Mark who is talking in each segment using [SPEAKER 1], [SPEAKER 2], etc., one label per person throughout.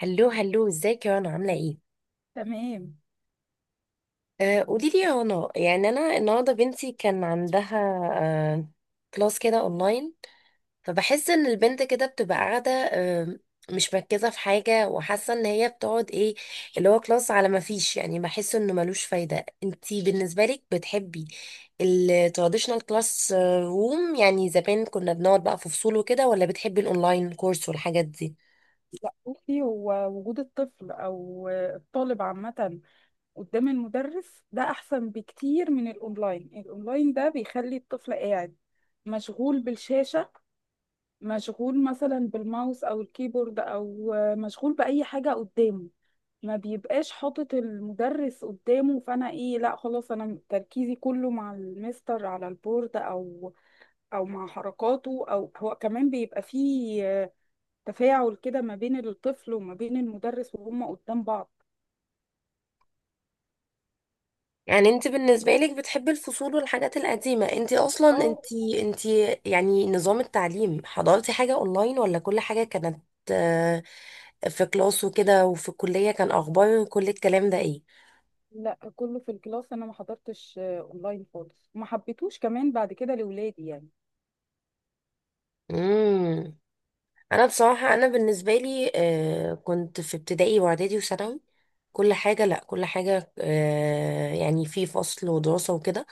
[SPEAKER 1] هلو هلو ازيك يا رنا، عاملة ايه؟
[SPEAKER 2] تمام.
[SPEAKER 1] قولي لي يا رنا، يعني انا النهارده بنتي كان عندها آه كلاس كده اونلاين. فبحس ان البنت كده بتبقى قاعدة، مش مركزة في حاجة، وحاسة ان هي بتقعد ايه اللي هو كلاس، على ما فيش. يعني بحس انه ملوش فايدة. انتي بالنسبة لك بتحبي التراديشنال كلاس روم، يعني زمان كنا بنقعد بقى في فصول وكده، ولا بتحبي الاونلاين كورس والحاجات دي؟
[SPEAKER 2] لا بصي، هو وجود الطفل او الطالب عامة قدام المدرس ده احسن بكتير من الاونلاين. الاونلاين ده بيخلي الطفل قاعد مشغول بالشاشة، مشغول مثلا بالماوس او الكيبورد، او مشغول بأي حاجة قدامه، ما بيبقاش حاطط المدرس قدامه. فانا ايه، لا خلاص، انا تركيزي كله مع المستر على البورد، او مع حركاته، او هو كمان بيبقى فيه تفاعل كده ما بين الطفل وما بين المدرس وهم قدام بعض.
[SPEAKER 1] يعني انت بالنسبة لك بتحبي الفصول والحاجات القديمة؟ انت اصلا
[SPEAKER 2] اه،
[SPEAKER 1] انت يعني نظام التعليم حضرتي حاجة اونلاين، ولا كل حاجة كانت آه، في كلاس وكده، وفي الكلية كان اخبار كل الكلام ده ايه؟
[SPEAKER 2] لا كله في الكلاس، انا ما حضرتش اونلاين خالص، ما حبيتوش كمان بعد كده لاولادي يعني.
[SPEAKER 1] امم انا بصراحة، انا بالنسبة لي كنت في ابتدائي واعدادي وثانوي كل حاجة. لا، كل حاجة يعني في فصل ودراسة وكده.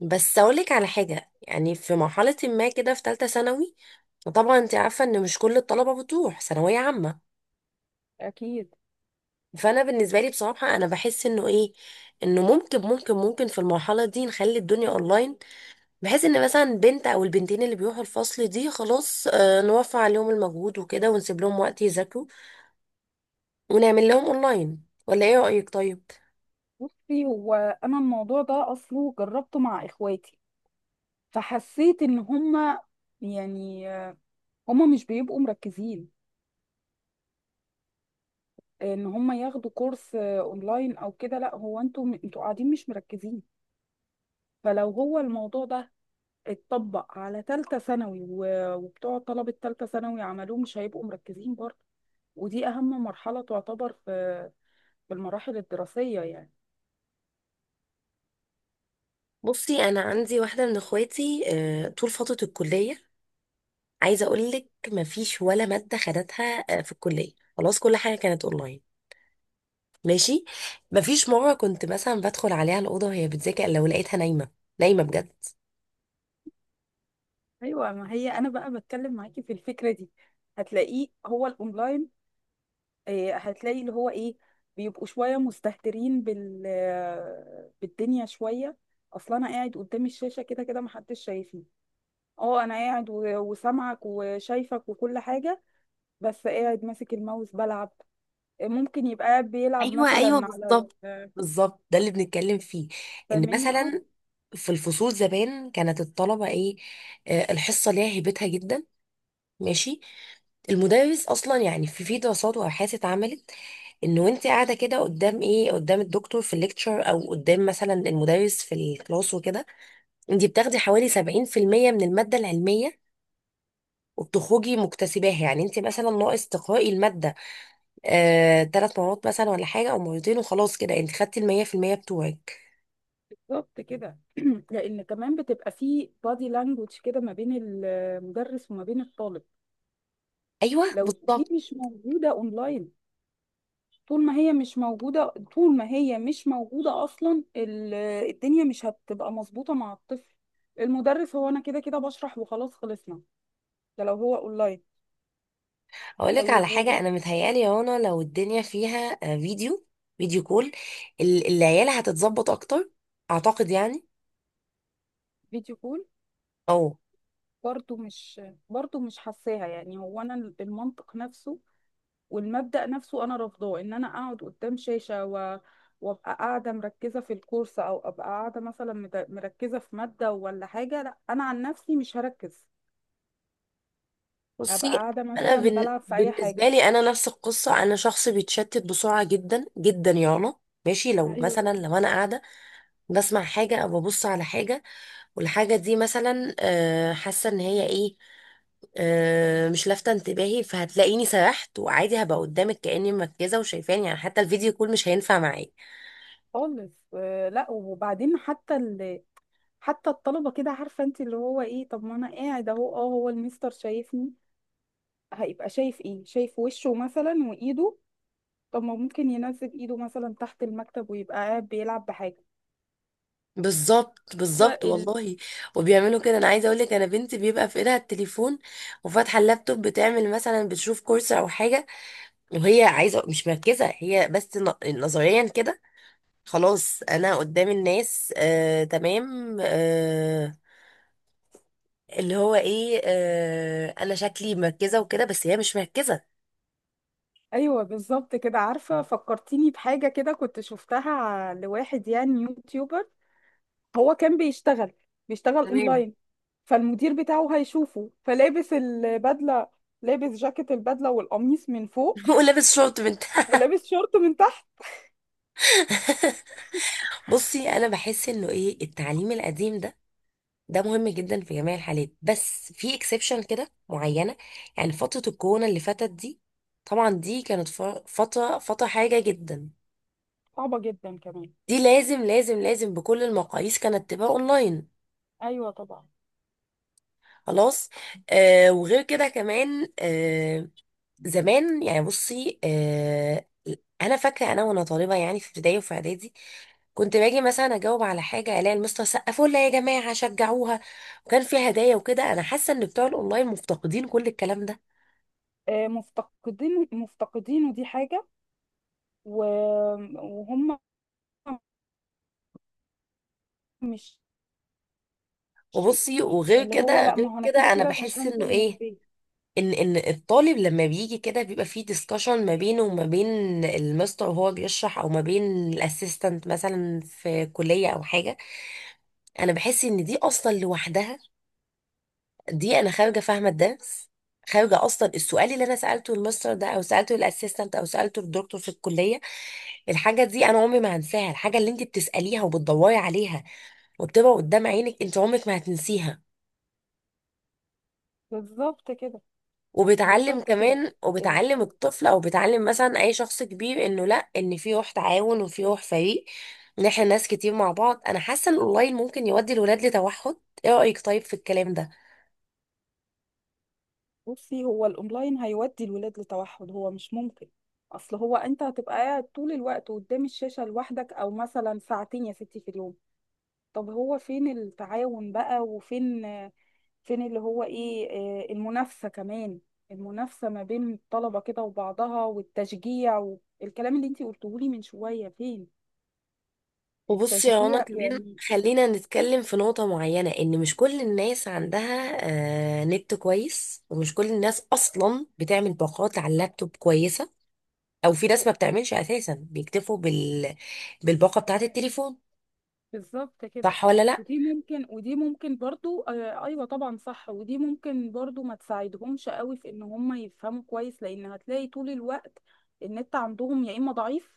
[SPEAKER 1] بس اقولك على حاجه، يعني في مرحله ما كده، في ثالثه ثانوي طبعا انت عارفه ان مش كل الطلبه بتروح ثانويه عامه.
[SPEAKER 2] اكيد.
[SPEAKER 1] فانا بالنسبه لي بصراحه، انا بحس انه ايه، انه ممكن في المرحله دي نخلي الدنيا اونلاين، بحيث ان مثلا بنت او البنتين اللي بيروحوا الفصل دي خلاص، نوفر عليهم المجهود وكده، ونسيب لهم وقت يذاكروا، ونعمل لهم اونلاين. ولا ايه رايك؟ طيب،
[SPEAKER 2] بصي، هو انا الموضوع ده اصله جربته مع اخواتي، فحسيت ان هم يعني هم مش بيبقوا مركزين ان هم ياخدوا كورس اونلاين او كده. لا، هو انتوا قاعدين مش مركزين. فلو هو الموضوع ده اتطبق على تالتة ثانوي وبتوع طلبة تالتة ثانوي عملوه مش هيبقوا مركزين برضه. ودي أهم مرحلة تعتبر في المراحل الدراسية يعني.
[SPEAKER 1] بصي، انا عندي واحده من اخواتي، طول فتره الكليه عايزه اقول لك مفيش ولا ماده خدتها في الكليه. خلاص كل حاجه كانت اونلاين. ماشي، مفيش مره كنت مثلا بدخل عليها الاوضه وهي بتذاكر، لو لقيتها نايمه نايمه بجد.
[SPEAKER 2] أيوة، ما هي أنا بقى بتكلم معاكي في الفكرة دي. هتلاقيه هو الأونلاين هتلاقي اللي هو إيه، بيبقوا شوية مستهترين بالدنيا شوية. أصل أنا قاعد قدام الشاشة كده كده محدش شايفني. اه، انا قاعد وسامعك وشايفك وكل حاجه، بس قاعد ماسك الماوس بلعب، ممكن يبقى بيلعب
[SPEAKER 1] ايوه، ايوه،
[SPEAKER 2] مثلا على
[SPEAKER 1] بالظبط،
[SPEAKER 2] ال-
[SPEAKER 1] بالظبط. ده اللي بنتكلم فيه، ان
[SPEAKER 2] فاهماني؟ اه.
[SPEAKER 1] مثلا في الفصول زمان كانت الطلبه ايه، الحصه ليها هيبتها جدا. ماشي، المدرس اصلا يعني في دراسات وابحاث اتعملت، ان وانت قاعده كده قدام ايه، قدام الدكتور في الليكتشر، او قدام مثلا المدرس في الكلاس وكده، انت بتاخدي حوالي 70% من المادة العلمية وبتخرجي مكتسباها. يعني انت مثلا ناقص تقرأي المادة 3 مرات مثلا ولا حاجة، او مرتين، وخلاص كده انت خدتي 100% بتوعك.
[SPEAKER 2] بالظبط كده لان كمان بتبقى في بادي لانجوج كده ما بين المدرس وما بين الطالب،
[SPEAKER 1] ايوه
[SPEAKER 2] لو دي
[SPEAKER 1] بالظبط.
[SPEAKER 2] مش موجوده اونلاين. طول ما هي مش موجوده اصلا الدنيا مش هتبقى مظبوطه مع الطفل. المدرس هو انا كده كده بشرح وخلاص خلصنا، ده لو هو اونلاين.
[SPEAKER 1] اقول لك على
[SPEAKER 2] طيب.
[SPEAKER 1] حاجة انا متهيألي يا رنا، لو الدنيا فيها فيديو كول، العيال هتتظبط اكتر، اعتقد يعني.
[SPEAKER 2] والفيديو كول
[SPEAKER 1] او
[SPEAKER 2] برضو مش برضو مش حاساها يعني، هو انا المنطق نفسه والمبدأ نفسه انا رافضاه، ان انا اقعد قدام شاشة وابقى قاعدة مركزة في الكورس، او ابقى قاعدة مثلا مركزة في مادة ولا حاجة. لا انا عن نفسي مش هركز، هبقى
[SPEAKER 1] بصي،
[SPEAKER 2] قاعدة
[SPEAKER 1] انا
[SPEAKER 2] مثلا بلعب في اي
[SPEAKER 1] بالنسبة
[SPEAKER 2] حاجة.
[SPEAKER 1] لي انا نفس القصة. انا شخص بيتشتت بسرعة جدا جدا يا رنا. ماشي،
[SPEAKER 2] ايوه.
[SPEAKER 1] لو انا قاعدة بسمع حاجة أو ببص على حاجة، والحاجة دي مثلا حاسة إن هي إيه، مش لافتة انتباهي، فهتلاقيني سرحت وعادي، هبقى قدامك كأني مركزة وشايفاني. يعني حتى الفيديو كول مش هينفع معايا.
[SPEAKER 2] خالص، آه، لا وبعدين حتى الطلبة كده عارفة انت اللي هو ايه، طب ما انا قاعد اهو، اه هو المستر شايفني، هيبقى شايف ايه؟ شايف وشه مثلا وايده، طب ما ممكن ينزل ايده مثلا تحت المكتب ويبقى قاعد بيلعب
[SPEAKER 1] بالظبط، بالظبط،
[SPEAKER 2] بحاجة.
[SPEAKER 1] والله. وبيعملوا كده. انا عايزه اقول لك، انا بنتي بيبقى في ايدها التليفون وفاتحه اللابتوب، بتعمل مثلا بتشوف كورس او حاجه، وهي عايزه. مش مركزه هي، بس نظريا كده خلاص، انا قدام الناس تمام، اللي هو ايه، انا شكلي مركزه وكده، بس هي مش مركزه.
[SPEAKER 2] ايوه بالظبط كده. عارفه فكرتيني بحاجه كده كنت شفتها لواحد يعني يوتيوبر، هو كان بيشتغل
[SPEAKER 1] تمام.
[SPEAKER 2] اونلاين، فالمدير بتاعه هيشوفه، فلابس البدله، لابس جاكيت البدله والقميص من فوق،
[SPEAKER 1] ولابس شورت بنت.
[SPEAKER 2] ولابس شورت من تحت.
[SPEAKER 1] بصي، انا بحس انه ايه، التعليم القديم ده، ده مهم جدا في جميع الحالات، بس في اكسبشن كده معينه، يعني فتره الكورونا اللي فاتت دي، طبعا دي كانت فتره حاجه جدا.
[SPEAKER 2] صعبه جدا كمان.
[SPEAKER 1] دي لازم لازم لازم بكل المقاييس كانت تبقى اونلاين.
[SPEAKER 2] ايوه طبعا.
[SPEAKER 1] خلاص. وغير كده كمان، زمان يعني، بصي انا فاكره انا وانا طالبه، يعني في ابتدائي وفي اعدادي، كنت باجي مثلا اجاوب على حاجه الاقي المستر سقفوا لها، يا جماعه شجعوها، وكان في هدايا وكده. انا حاسه ان بتوع الاونلاين مفتقدين كل الكلام ده.
[SPEAKER 2] مفتقدينه دي حاجه. و... وهم مش،
[SPEAKER 1] وبصي، وغير
[SPEAKER 2] اللي هو
[SPEAKER 1] كده
[SPEAKER 2] لا،
[SPEAKER 1] غير
[SPEAKER 2] ما هو انا
[SPEAKER 1] كده
[SPEAKER 2] كده
[SPEAKER 1] انا
[SPEAKER 2] كده مش
[SPEAKER 1] بحس
[SPEAKER 2] هنزل
[SPEAKER 1] انه
[SPEAKER 2] من
[SPEAKER 1] ايه،
[SPEAKER 2] البيت.
[SPEAKER 1] ان الطالب لما بيجي كده بيبقى فيه ديسكشن ما بينه وما بين المستر وهو بيشرح، او ما بين الاسيستنت مثلا في كليه او حاجه. انا بحس ان دي اصلا لوحدها، دي انا خارجه فاهمه الدرس. خارجه اصلا السؤال اللي انا سالته المستر ده، او سالته الاسيستنت، او سالته الدكتور في الكليه. الحاجه دي انا عمري ما هنساها. الحاجه اللي انت بتساليها وبتدوري عليها وبتبقى قدام عينك، انت عمرك ما هتنسيها.
[SPEAKER 2] بالظبط كده،
[SPEAKER 1] وبتعلم
[SPEAKER 2] بالظبط كده.
[SPEAKER 1] كمان، وبتعلم الطفل، او بتعلم مثلا اي شخص كبير، انه لا، ان في روح تعاون وفي روح فريق، ان احنا ناس كتير مع بعض. انا حاسه ان الاونلاين ممكن يودي الولاد لتوحد. ايه رايك طيب في الكلام ده؟
[SPEAKER 2] بصي، هو الاونلاين هيودي الولاد لتوحد، هو مش ممكن. اصل هو انت هتبقى قاعد طول الوقت قدام الشاشة لوحدك، او مثلا ساعتين يا ستي في اليوم. طب هو فين التعاون بقى، وفين اللي هو ايه المنافسة كمان، المنافسة ما بين الطلبة كده وبعضها، والتشجيع والكلام اللي انت قلتهولي من شوية، فين
[SPEAKER 1] وبصي يا رنا
[SPEAKER 2] التشجيع
[SPEAKER 1] كمان،
[SPEAKER 2] يعني.
[SPEAKER 1] خلينا نتكلم في نقطة معينة، إن مش كل الناس عندها نت كويس، ومش كل الناس أصلا بتعمل باقات على اللابتوب كويسة، أو في ناس ما بتعملش أساسا، بيكتفوا بالباقة بتاعة التليفون.
[SPEAKER 2] بالظبط كده.
[SPEAKER 1] صح ولا لأ؟
[SPEAKER 2] ودي ممكن برضو، آه ايوه طبعا صح، ودي ممكن برضو ما تساعدهمش قوي في ان هم يفهموا كويس، لان هتلاقي طول الوقت النت عندهم، يا اما ضعيف،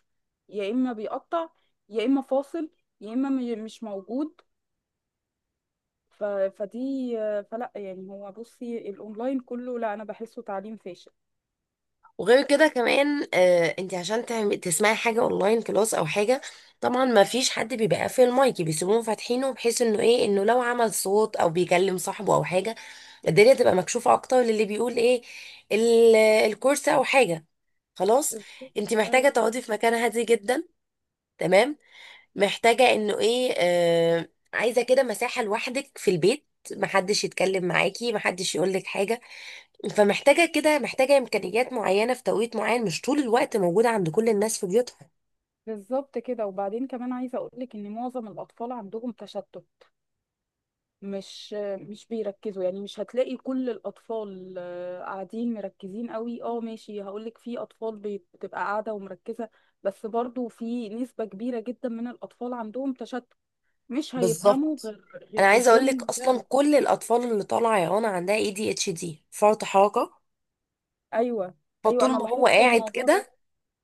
[SPEAKER 2] يا اما بيقطع، يا اما فاصل، يا اما مش موجود. فدي فلا يعني، هو بصي الاونلاين كله لا، انا بحسه تعليم فاشل.
[SPEAKER 1] وغير كده كمان، انت عشان تسمعي حاجة اونلاين كلاس او حاجة، طبعا ما فيش حد بيبقى قافل المايك، بيسيبوهم فاتحينه، بحيث انه ايه، انه لو عمل صوت او بيكلم صاحبه او حاجة، الدنيا تبقى مكشوفة اكتر للي بيقول ايه، الكورس او حاجة. خلاص.
[SPEAKER 2] بالظبط.
[SPEAKER 1] انت محتاجة
[SPEAKER 2] أيوة.
[SPEAKER 1] تقعدي في مكان هادي جدا. تمام، محتاجة انه ايه، عايزة كده مساحة لوحدك في البيت، محدش يتكلم معاكي، محدش يقولك حاجة. فمحتاجة كده، محتاجة إمكانيات معينة في توقيت معين، مش طول الوقت موجودة عند كل الناس في بيوتها.
[SPEAKER 2] بالظبط كده، وبعدين كمان عايزه اقول لك ان معظم الاطفال عندهم تشتت، مش مش بيركزوا يعني. مش هتلاقي كل الأطفال قاعدين مركزين قوي، اه ماشي، هقولك في أطفال بتبقى قاعدة ومركزة، بس برضو في نسبة كبيرة جدا من الأطفال عندهم تشتت، مش هيفهموا
[SPEAKER 1] بالظبط.
[SPEAKER 2] غير
[SPEAKER 1] أنا عايزة
[SPEAKER 2] قدام
[SPEAKER 1] أقول لك، أصلا
[SPEAKER 2] المدرس.
[SPEAKER 1] كل الأطفال اللي طالعة يا رنا عندها ADHD، فرط حركة.
[SPEAKER 2] أيوة، أيوة
[SPEAKER 1] فطول
[SPEAKER 2] أنا
[SPEAKER 1] ما هو
[SPEAKER 2] لاحظت
[SPEAKER 1] قاعد
[SPEAKER 2] الموضوع ده.
[SPEAKER 1] كده،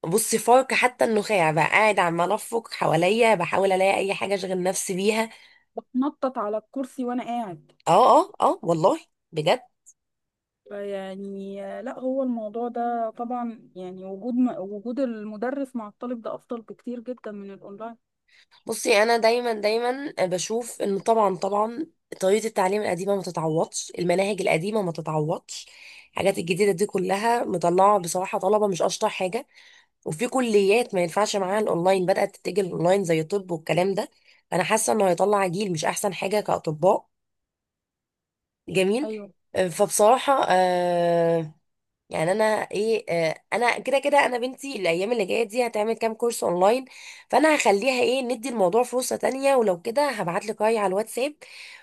[SPEAKER 1] بصي، فرك حتى النخاع بقى، قاعد عمال أفرك حواليا، بحاول ألاقي أي حاجة أشغل نفسي بيها.
[SPEAKER 2] بتنطط على الكرسي وأنا قاعد.
[SPEAKER 1] اه، اه، اه، والله بجد.
[SPEAKER 2] فيعني لا هو الموضوع ده طبعا يعني وجود وجود المدرس مع الطالب ده أفضل بكتير جدا من الأونلاين.
[SPEAKER 1] بصي انا دايما دايما بشوف ان طبعا طبعا طريقه التعليم القديمه ما تتعوضش، المناهج القديمه ما تتعوضش. الحاجات الجديده دي كلها مطلعه بصراحه طلبه مش اشطر حاجه، وفي كليات ما ينفعش معاها الاونلاين بدات تتجه الاونلاين، زي الطب والكلام ده. فانا حاسه انه هيطلع جيل مش احسن حاجه كاطباء. جميل.
[SPEAKER 2] أيوة،
[SPEAKER 1] فبصراحه يعني انا ايه، انا كده كده انا بنتي الايام اللي جايه دي هتعمل كام كورس اونلاين، فانا هخليها ايه، ندي الموضوع فرصه تانية. ولو كده هبعت لك رايي على الواتساب،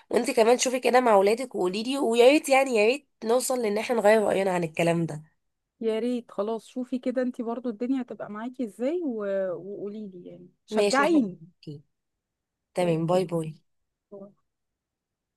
[SPEAKER 1] وانت كمان شوفي كده مع اولادك وقولي لي. ويا ريت يعني، يا ريت نوصل لان احنا نغير راينا عن الكلام ده.
[SPEAKER 2] يا ريت خلاص، شوفي كده انتي برضو الدنيا هتبقى معاكي ازاي وقوليلي يعني
[SPEAKER 1] ماشي يا
[SPEAKER 2] شجعيني.
[SPEAKER 1] حبيبتي. تمام.
[SPEAKER 2] اوكي.
[SPEAKER 1] باي باي.